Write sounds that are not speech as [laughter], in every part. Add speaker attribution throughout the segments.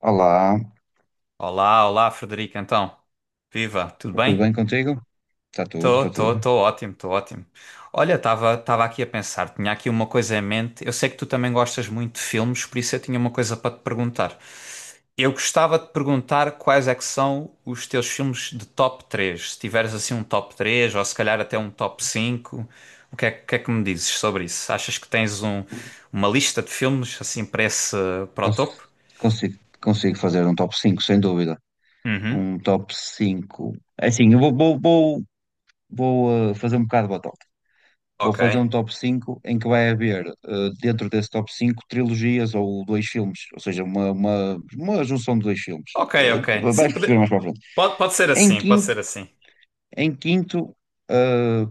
Speaker 1: Olá, está
Speaker 2: Olá, olá, Frederico, então. Viva, tudo
Speaker 1: tudo
Speaker 2: bem?
Speaker 1: bem contigo? Está tudo,
Speaker 2: Tô,
Speaker 1: está
Speaker 2: tô,
Speaker 1: tudo.
Speaker 2: tô ótimo, tô ótimo. Olha, estava aqui a pensar, tinha aqui uma coisa em mente. Eu sei que tu também gostas muito de filmes, por isso eu tinha uma coisa para te perguntar. Eu gostava de perguntar quais é que são os teus filmes de top 3. Se tiveres assim um top 3 ou se calhar até um top 5. Que é que me dizes sobre isso? Achas que tens uma lista de filmes assim para para o
Speaker 1: Cons-
Speaker 2: topo?
Speaker 1: Consigo, consigo fazer um top 5 sem dúvida.
Speaker 2: Uhum.
Speaker 1: Um top 5. É assim, eu vou fazer um bocado de batota. Vou
Speaker 2: Ok.
Speaker 1: fazer um top 5 em que vai haver, dentro desse top 5 trilogias ou dois filmes. Ou seja, uma junção de dois filmes.
Speaker 2: Ok, ok. Sim,
Speaker 1: Vais perceber
Speaker 2: pode...
Speaker 1: mais para a frente.
Speaker 2: Pode ser
Speaker 1: Em
Speaker 2: assim, pode ser
Speaker 1: quinto,
Speaker 2: assim.
Speaker 1: em quinto, eh,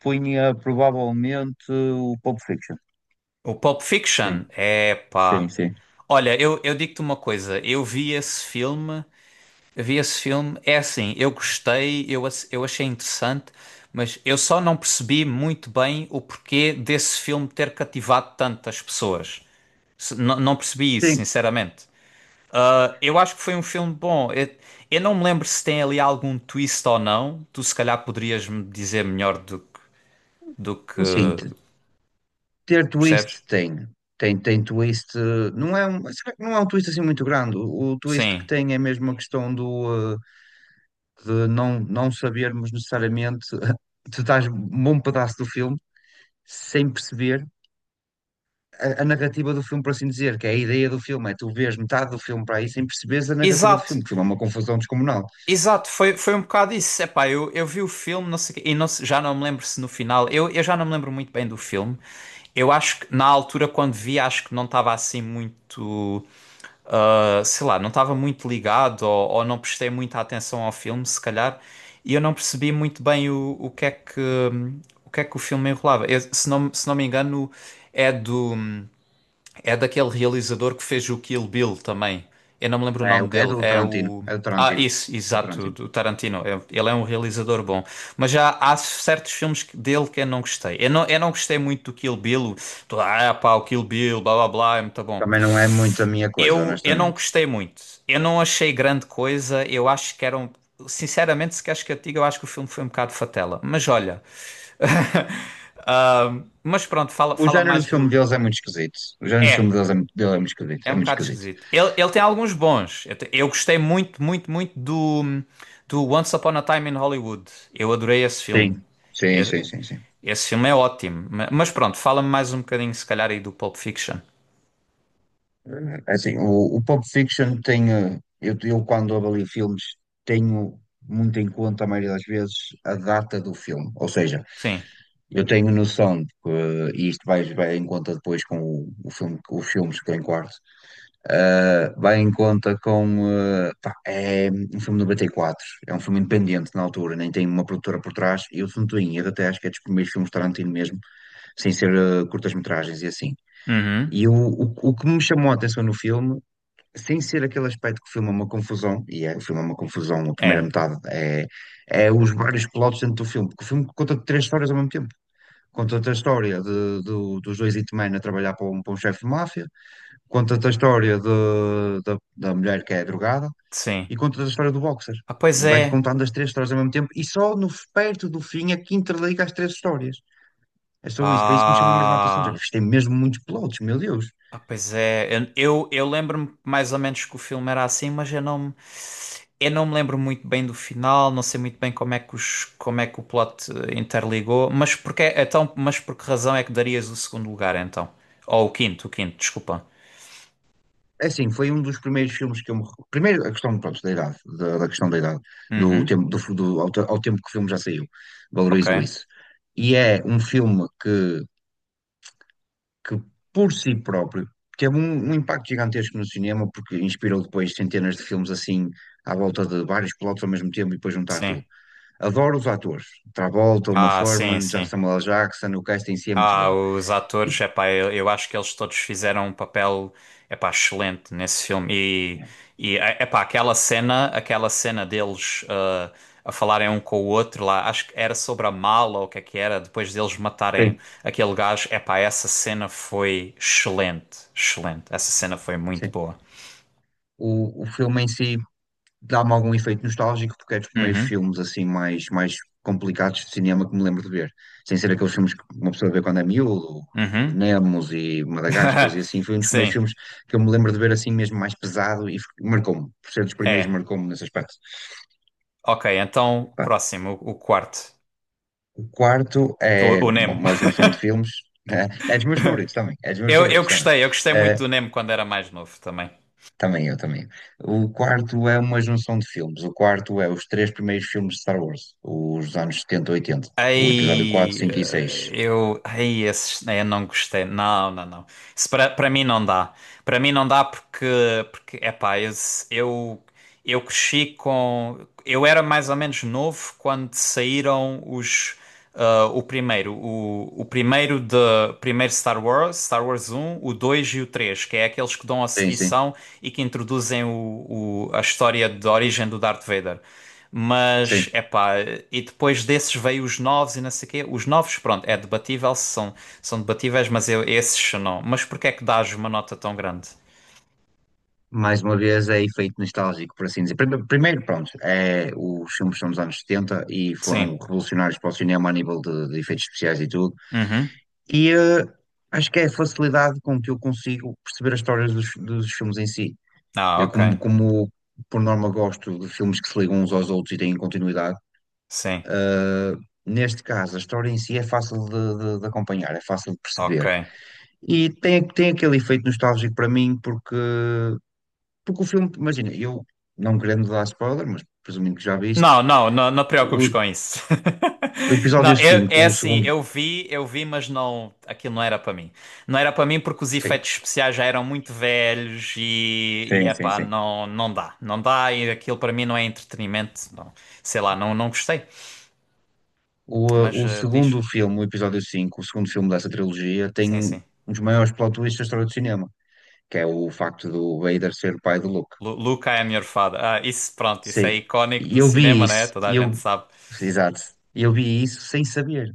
Speaker 1: punha provavelmente o Pulp Fiction.
Speaker 2: O Pulp Fiction,
Speaker 1: Sim,
Speaker 2: é
Speaker 1: sim,
Speaker 2: pá.
Speaker 1: sim.
Speaker 2: Olha, eu digo-te uma coisa, eu vi esse filme, eu vi esse filme, é assim, eu gostei, eu achei interessante, mas eu só não percebi muito bem o porquê desse filme ter cativado tantas pessoas. Não, não percebi isso,
Speaker 1: Sim,
Speaker 2: sinceramente. Ah, eu acho que foi um filme bom. Eu não me lembro se tem ali algum twist ou não. Tu se calhar poderias me dizer melhor do que.
Speaker 1: sim. Ter twist
Speaker 2: Percebes?
Speaker 1: tem. Tem, tem twist. Não é um, será que não é um twist assim muito grande. O twist que
Speaker 2: Sim.
Speaker 1: tem é mesmo a questão do de não sabermos necessariamente. [laughs] Tu estás um bom pedaço do filme sem perceber a narrativa do filme, por assim dizer, que é a ideia do filme. É tu vês metade do filme para aí sem perceberes a narrativa do
Speaker 2: Exato,
Speaker 1: filme, que o filme é uma confusão descomunal.
Speaker 2: exato, foi um bocado isso. Epá, eu vi o filme, não sei, quê, e já não me lembro se no final. Eu já não me lembro muito bem do filme. Eu acho que na altura, quando vi, acho que não estava assim muito. Sei lá, não estava muito ligado ou não prestei muita atenção ao filme, se calhar. E eu não percebi muito bem o que é que. O que é que o filme enrolava? Se não, se não me engano, é do. É daquele realizador que fez o Kill Bill também. Eu não me lembro o nome
Speaker 1: É
Speaker 2: dele.
Speaker 1: do
Speaker 2: É
Speaker 1: Tarantino.
Speaker 2: o.
Speaker 1: É do
Speaker 2: Ah,
Speaker 1: Tarantino.
Speaker 2: isso,
Speaker 1: É do
Speaker 2: exato,
Speaker 1: Tarantino.
Speaker 2: do Tarantino. Ele é um realizador bom. Mas já há certos filmes dele que eu não gostei. Eu não gostei muito do Kill Bill. Toda, ah, pá, o Kill Bill, blá blá blá, é muito bom.
Speaker 1: Também não é muito a minha coisa,
Speaker 2: Eu não
Speaker 1: honestamente.
Speaker 2: gostei muito. Eu não achei grande coisa. Eu acho que eram. Sinceramente, se queres que eu te diga, eu acho que o filme foi um bocado fatela. Mas olha. [laughs] Ah, mas pronto,
Speaker 1: O
Speaker 2: fala
Speaker 1: género do
Speaker 2: mais
Speaker 1: filme
Speaker 2: do.
Speaker 1: deles é muito esquisito. O género
Speaker 2: É.
Speaker 1: do filme deles é, dele é muito esquisito.
Speaker 2: É
Speaker 1: É
Speaker 2: um
Speaker 1: muito
Speaker 2: bocado
Speaker 1: esquisito.
Speaker 2: esquisito. Ele tem alguns bons. Eu gostei muito, muito, muito do Once Upon a Time in Hollywood. Eu adorei esse filme.
Speaker 1: Sim. Sim,
Speaker 2: E-
Speaker 1: sim, sim, sim.
Speaker 2: Esse filme é ótimo. Mas pronto, fala-me mais um bocadinho, se calhar, aí do Pulp Fiction.
Speaker 1: É assim, o Pulp Fiction tem. Eu quando avalio filmes, tenho muito em conta, a maioria das vezes, a data do filme. Ou seja,
Speaker 2: Sim.
Speaker 1: eu tenho noção de que, e isto vai em conta depois com o filme, com os filmes que eu enquadro. Vai em conta com. Pá, é um filme de 94, é um filme independente na altura, nem tem uma produtora por trás. E eu, se não estou em erro, até acho que é dos primeiros filmes de Tarantino mesmo, sem ser curtas-metragens e assim.
Speaker 2: Uhum.
Speaker 1: E o que me chamou a atenção no filme, sem ser aquele aspecto que o filme é uma confusão, e é, o filme é uma confusão, a primeira
Speaker 2: É.
Speaker 1: metade, é, é os vários plotos dentro do filme, porque o filme conta três histórias ao mesmo tempo. Conta-te a história dos dois hitmen a trabalhar para para um chefe de máfia, conta-te a história da mulher que é drogada,
Speaker 2: Sim.
Speaker 1: e conta-te a história do boxer.
Speaker 2: Ah, pois
Speaker 1: E vai-te
Speaker 2: é.
Speaker 1: contando as três histórias ao mesmo tempo, e só no, perto do fim é que interliga as três histórias. É só isso, foi isso que me chamou mesmo a atenção. Já género,
Speaker 2: Ah.
Speaker 1: tem mesmo muitos plots, meu Deus.
Speaker 2: Ah, pois é, eu lembro-me mais ou menos que o filme era assim, mas eu não me lembro muito bem do final, não sei muito bem como é que como é que o plot interligou, mas porque, então, mas por que razão é que darias o segundo lugar então? Ou o quinto, desculpa.
Speaker 1: É assim, foi um dos primeiros filmes que eu me recordo. Primeiro, a questão, pronto, da idade, da questão da idade, do
Speaker 2: Uhum,
Speaker 1: tempo, ao tempo que o filme já saiu,
Speaker 2: ok,
Speaker 1: valorizo isso. E é um filme que por si próprio, teve um impacto gigantesco no cinema, porque inspirou depois centenas de filmes assim, à volta de vários plots ao mesmo tempo e depois juntar
Speaker 2: sim.
Speaker 1: tudo. Adoro os atores. Travolta, Uma
Speaker 2: Ah, sim,
Speaker 1: Thurman,
Speaker 2: sim.
Speaker 1: Samuel L. Jackson, o casting em si é muito
Speaker 2: Ah,
Speaker 1: bom.
Speaker 2: os
Speaker 1: E,
Speaker 2: atores, epá, eu acho que eles todos fizeram um papel, epá, excelente nesse filme. E epá, aquela cena deles a falarem um com o outro lá, acho que era sobre a mala ou o que é que era, depois deles matarem
Speaker 1: sim,
Speaker 2: aquele gajo, epá, essa cena foi excelente, excelente. Essa cena foi muito
Speaker 1: sim.
Speaker 2: boa.
Speaker 1: O filme em si dá-me algum efeito nostálgico porque é dos primeiros
Speaker 2: Uhum,
Speaker 1: filmes assim mais complicados de cinema que me lembro de ver. Sem ser aqueles filmes que uma pessoa vê quando é miúdo, os
Speaker 2: uhum.
Speaker 1: Nemos e Madagascar e
Speaker 2: [laughs]
Speaker 1: assim, foi um dos primeiros
Speaker 2: Sim,
Speaker 1: filmes que eu me lembro de ver assim mesmo mais pesado e marcou-me. Por ser dos primeiros,
Speaker 2: é.
Speaker 1: marcou-me nesse aspecto.
Speaker 2: Ok, então,
Speaker 1: Pá,
Speaker 2: próximo, o quarto,
Speaker 1: o quarto é
Speaker 2: o Nemo.
Speaker 1: uma junção de filmes, né? É dos meus favoritos também, é dos meus favoritos também.
Speaker 2: Eu gostei muito
Speaker 1: Eh,
Speaker 2: do Nemo quando era mais novo também.
Speaker 1: Também eu, também. O quarto é uma junção de filmes. O quarto é os três primeiros filmes de Star Wars, os dos anos 70 e 80. O episódio
Speaker 2: Ai,
Speaker 1: 4 5 e seis.
Speaker 2: eu, ai, esses, eu não gostei. Não, não, não. Isso para para mim não dá. Para mim não dá porque epá, eu Eu cresci com. Eu era mais ou menos novo quando saíram os. Ah, o primeiro, o primeiro de primeiro Star Wars, Star Wars um o 2 e o 3 que é aqueles que dão a
Speaker 1: Sim, sim,
Speaker 2: seguição e que introduzem a história da origem do Darth Vader. Mas,
Speaker 1: sim.
Speaker 2: epá, e depois desses veio os novos e não sei o quê. Os novos, pronto, é são debatíveis, mas eu, esses não. Mas porquê é que dás uma nota tão grande?
Speaker 1: Mais uma vez é efeito nostálgico, por assim dizer. Primeiro, pronto, é, os filmes são dos anos 70 e
Speaker 2: Sim.
Speaker 1: foram revolucionários para o cinema a nível de efeitos especiais e tudo.
Speaker 2: Uhum.
Speaker 1: E eh, acho que é a facilidade com que eu consigo perceber as histórias dos, dos filmes em si.
Speaker 2: Ah,
Speaker 1: Eu,
Speaker 2: ok.
Speaker 1: como por norma, gosto de filmes que se ligam uns aos outros e têm continuidade.
Speaker 2: Sim.
Speaker 1: Neste caso, a história em si é fácil de, de acompanhar, é fácil de
Speaker 2: Ok.
Speaker 1: perceber. E tem, tem aquele efeito nostálgico para mim, porque, porque o filme, imagina, eu não querendo dar spoiler, mas presumindo que já viste,
Speaker 2: Não, não, não, não te preocupes
Speaker 1: o,
Speaker 2: com isso. [laughs]
Speaker 1: o
Speaker 2: Não,
Speaker 1: episódio
Speaker 2: é
Speaker 1: 5 o
Speaker 2: assim,
Speaker 1: segundo.
Speaker 2: eu vi, mas não, aquilo não era para mim. Não era para mim porque os
Speaker 1: Sim,
Speaker 2: efeitos especiais já eram muito velhos e
Speaker 1: sim, sim,
Speaker 2: epá,
Speaker 1: sim.
Speaker 2: não, não dá, não dá e aquilo para mim não é entretenimento, não. Sei lá, não, não gostei.
Speaker 1: O, eh,
Speaker 2: Mas
Speaker 1: o segundo
Speaker 2: diz,
Speaker 1: filme, o episódio 5 o segundo filme dessa trilogia, tem
Speaker 2: sim, sim.
Speaker 1: um dos maiores plot twists da história do cinema, que é o facto do Vader ser o pai do Luke.
Speaker 2: Luca é a minha fada. Ah, isso, pronto, isso é
Speaker 1: Sim.
Speaker 2: icónico
Speaker 1: E
Speaker 2: do
Speaker 1: eu vi
Speaker 2: cinema, né?
Speaker 1: isso,
Speaker 2: Toda a
Speaker 1: e
Speaker 2: gente
Speaker 1: eu.
Speaker 2: sabe.
Speaker 1: Exato. E eu vi isso sem saber.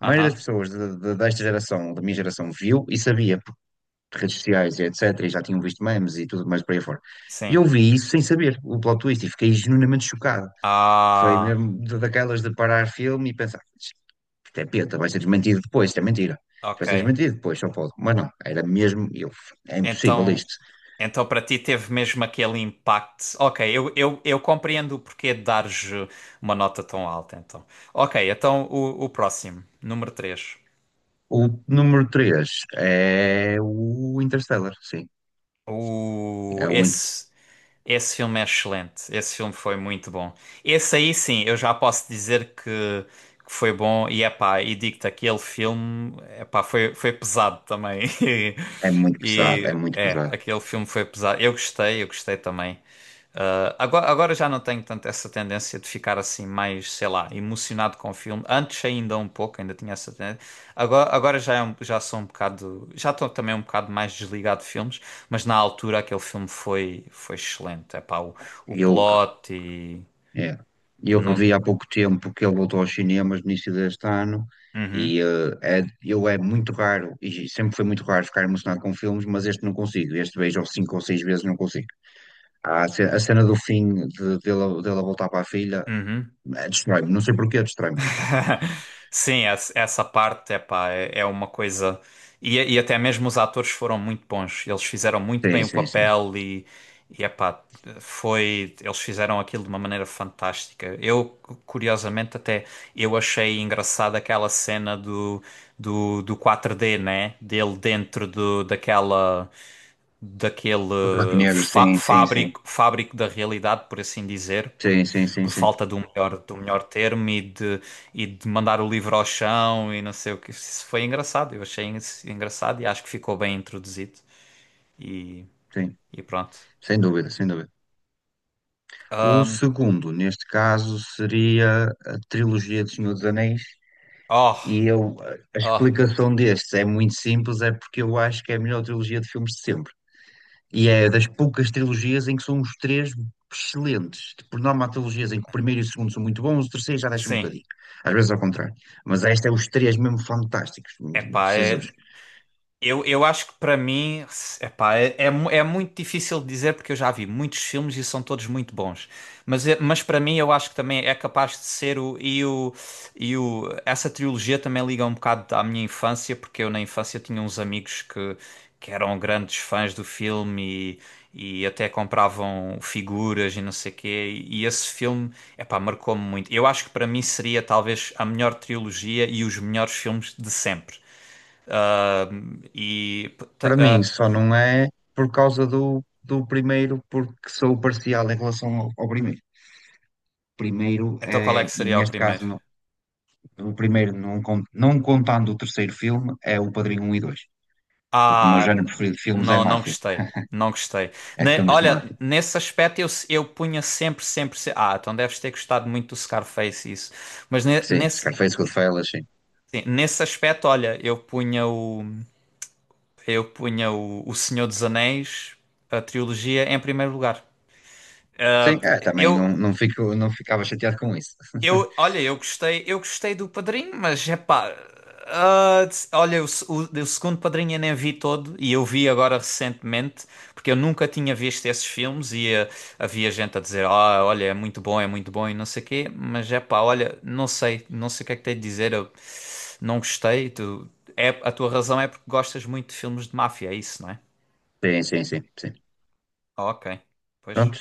Speaker 1: A maioria das pessoas desta geração, da minha geração, viu e sabia por redes sociais e etc. E já tinham visto memes e tudo mais por aí fora. E
Speaker 2: sim.
Speaker 1: eu vi isso sem saber, o plot twist, e fiquei genuinamente chocado. Foi
Speaker 2: Ah,
Speaker 1: mesmo daquelas de parar filme e pensar, isto é peta, vai ser desmentido depois, isto é mentira. Isto
Speaker 2: ok.
Speaker 1: vai ser desmentido depois, só pode. Mas não, era mesmo, eu, é impossível
Speaker 2: Então.
Speaker 1: isto.
Speaker 2: Então, para ti, teve mesmo aquele impacto. Ok, eu compreendo o porquê de dares uma nota tão alta, então. Ok, então o próximo, número três.
Speaker 1: O número 3 é o Interstellar, sim.
Speaker 2: O,
Speaker 1: É,
Speaker 2: esse, esse filme é excelente. Esse filme foi muito bom. Esse aí, sim, eu já posso dizer que foi bom. E, epá, e digo-te, aquele filme, epá, foi pesado também. [laughs]
Speaker 1: é muito pesado, é
Speaker 2: E, e,
Speaker 1: muito
Speaker 2: é,
Speaker 1: pesado.
Speaker 2: aquele filme foi pesado. Eu gostei também. Agora, agora já não tenho tanto essa tendência de ficar assim mais, sei lá, emocionado com o filme. Antes ainda um pouco, ainda tinha essa tendência. Agora, agora já, já sou um bocado, já estou também um bocado mais desligado de filmes, mas na altura aquele filme foi, foi excelente. É pá, o
Speaker 1: Eu
Speaker 2: plot e
Speaker 1: É. Eu
Speaker 2: não.
Speaker 1: revi há pouco tempo que ele voltou aos cinemas no início deste ano
Speaker 2: Uhum,
Speaker 1: é, eu é muito raro, e sempre foi muito raro ficar emocionado com filmes, mas este não consigo. Este vejo cinco ou seis vezes, não consigo. A cena do fim dele, dele a voltar para a filha,
Speaker 2: uhum.
Speaker 1: destrói-me. Não sei porquê, destrói-me mesmo.
Speaker 2: [laughs] Sim, essa essa parte, epá, é, é uma coisa. E até mesmo os atores foram muito bons. Eles fizeram muito bem
Speaker 1: Sim,
Speaker 2: o
Speaker 1: sim, sim.
Speaker 2: papel e epá, foi. Eles fizeram aquilo de uma maneira fantástica. Eu, curiosamente, até eu achei engraçada aquela cena do 4D, né? Dele dentro daquela daquele
Speaker 1: Do buraco negro, sim, sim, sim.
Speaker 2: fábrico, fábrico da realidade, por assim dizer,
Speaker 1: Sim, sim, sim,
Speaker 2: por
Speaker 1: sim.
Speaker 2: falta do melhor termo e de mandar o livro ao chão e não sei o que. Isso foi engraçado, eu achei isso engraçado e acho que ficou bem introduzido e,
Speaker 1: Sim,
Speaker 2: e pronto.
Speaker 1: sem dúvida, sem dúvida. O
Speaker 2: Ahm,
Speaker 1: segundo, neste caso, seria a trilogia do Senhor dos Anéis.
Speaker 2: oh,
Speaker 1: E eu, a
Speaker 2: oh,
Speaker 1: explicação destes é muito simples, é porque eu acho que é a melhor trilogia de filmes de sempre. E é das poucas trilogias em que são os três excelentes. Por norma, há trilogias em que o primeiro e o segundo são muito bons, o terceiro já deixa um
Speaker 2: sim.
Speaker 1: bocadinho. Às vezes ao contrário. Mas esta é os três mesmo fantásticos.
Speaker 2: Epá, é,
Speaker 1: Jesus.
Speaker 2: Eu acho que para mim, epá, é, é, é muito difícil de dizer porque eu já vi muitos filmes e são todos muito bons. Mas para mim eu acho que também é capaz de ser o essa trilogia também liga um bocado à minha infância porque eu na infância tinha uns amigos que eram grandes fãs do filme e até compravam figuras e não sei quê. E esse filme, epá, marcou-me muito. Eu acho que para mim seria talvez a melhor trilogia e os melhores filmes de sempre. E tá,
Speaker 1: Para mim,
Speaker 2: ah,
Speaker 1: só não é por causa do primeiro, porque sou parcial em relação ao primeiro. Primeiro
Speaker 2: então qual é
Speaker 1: é,
Speaker 2: que
Speaker 1: e
Speaker 2: seria o
Speaker 1: neste caso,
Speaker 2: primeiro?
Speaker 1: o primeiro, não, não contando o terceiro filme, é o Padrinho um e dois. Porque o meu
Speaker 2: Ah,
Speaker 1: género preferido de filmes é
Speaker 2: não, não
Speaker 1: máfia.
Speaker 2: gostei. Não gostei.
Speaker 1: É filmes de
Speaker 2: Olha,
Speaker 1: máfia.
Speaker 2: nesse aspecto eu punha sempre, sempre, se- Ah, então deves ter gostado muito do Scarface isso. Mas ne-
Speaker 1: Sim,
Speaker 2: nesse,
Speaker 1: Scarface, Goodfellas, sim.
Speaker 2: sim, nesse aspecto, olha, eu punha o Senhor dos Anéis, a trilogia, em primeiro lugar.
Speaker 1: Sim, é, também
Speaker 2: Eu,
Speaker 1: fico, não ficava chateado com isso. [laughs]
Speaker 2: Olha, eu gostei do Padrinho, mas é pá, ah, olha, o, se- o segundo Padrinho eu nem vi todo e eu vi agora recentemente, porque eu nunca tinha visto esses filmes e ah, havia gente a dizer, ah, olha, é muito bom e não sei o quê, mas é pá, olha, não sei, não sei o que é que tenho de dizer, eu não gostei, tu, é, a tua razão é porque gostas muito de filmes de máfia, é isso, não é?
Speaker 1: Sim, sim, sim, sim.
Speaker 2: Ah, ok, pois,
Speaker 1: Pronto,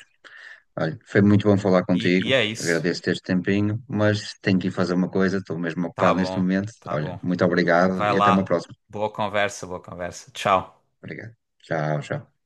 Speaker 1: olha, foi muito bom falar
Speaker 2: e
Speaker 1: contigo.
Speaker 2: é isso,
Speaker 1: Agradeço este tempinho, mas tenho que ir fazer uma coisa, estou mesmo
Speaker 2: tá
Speaker 1: ocupado neste
Speaker 2: bom,
Speaker 1: momento.
Speaker 2: tá
Speaker 1: Olha,
Speaker 2: bom,
Speaker 1: muito obrigado
Speaker 2: vai
Speaker 1: e até uma
Speaker 2: lá,
Speaker 1: próxima.
Speaker 2: boa conversa, tchau.
Speaker 1: Obrigado. Tchau, tchau.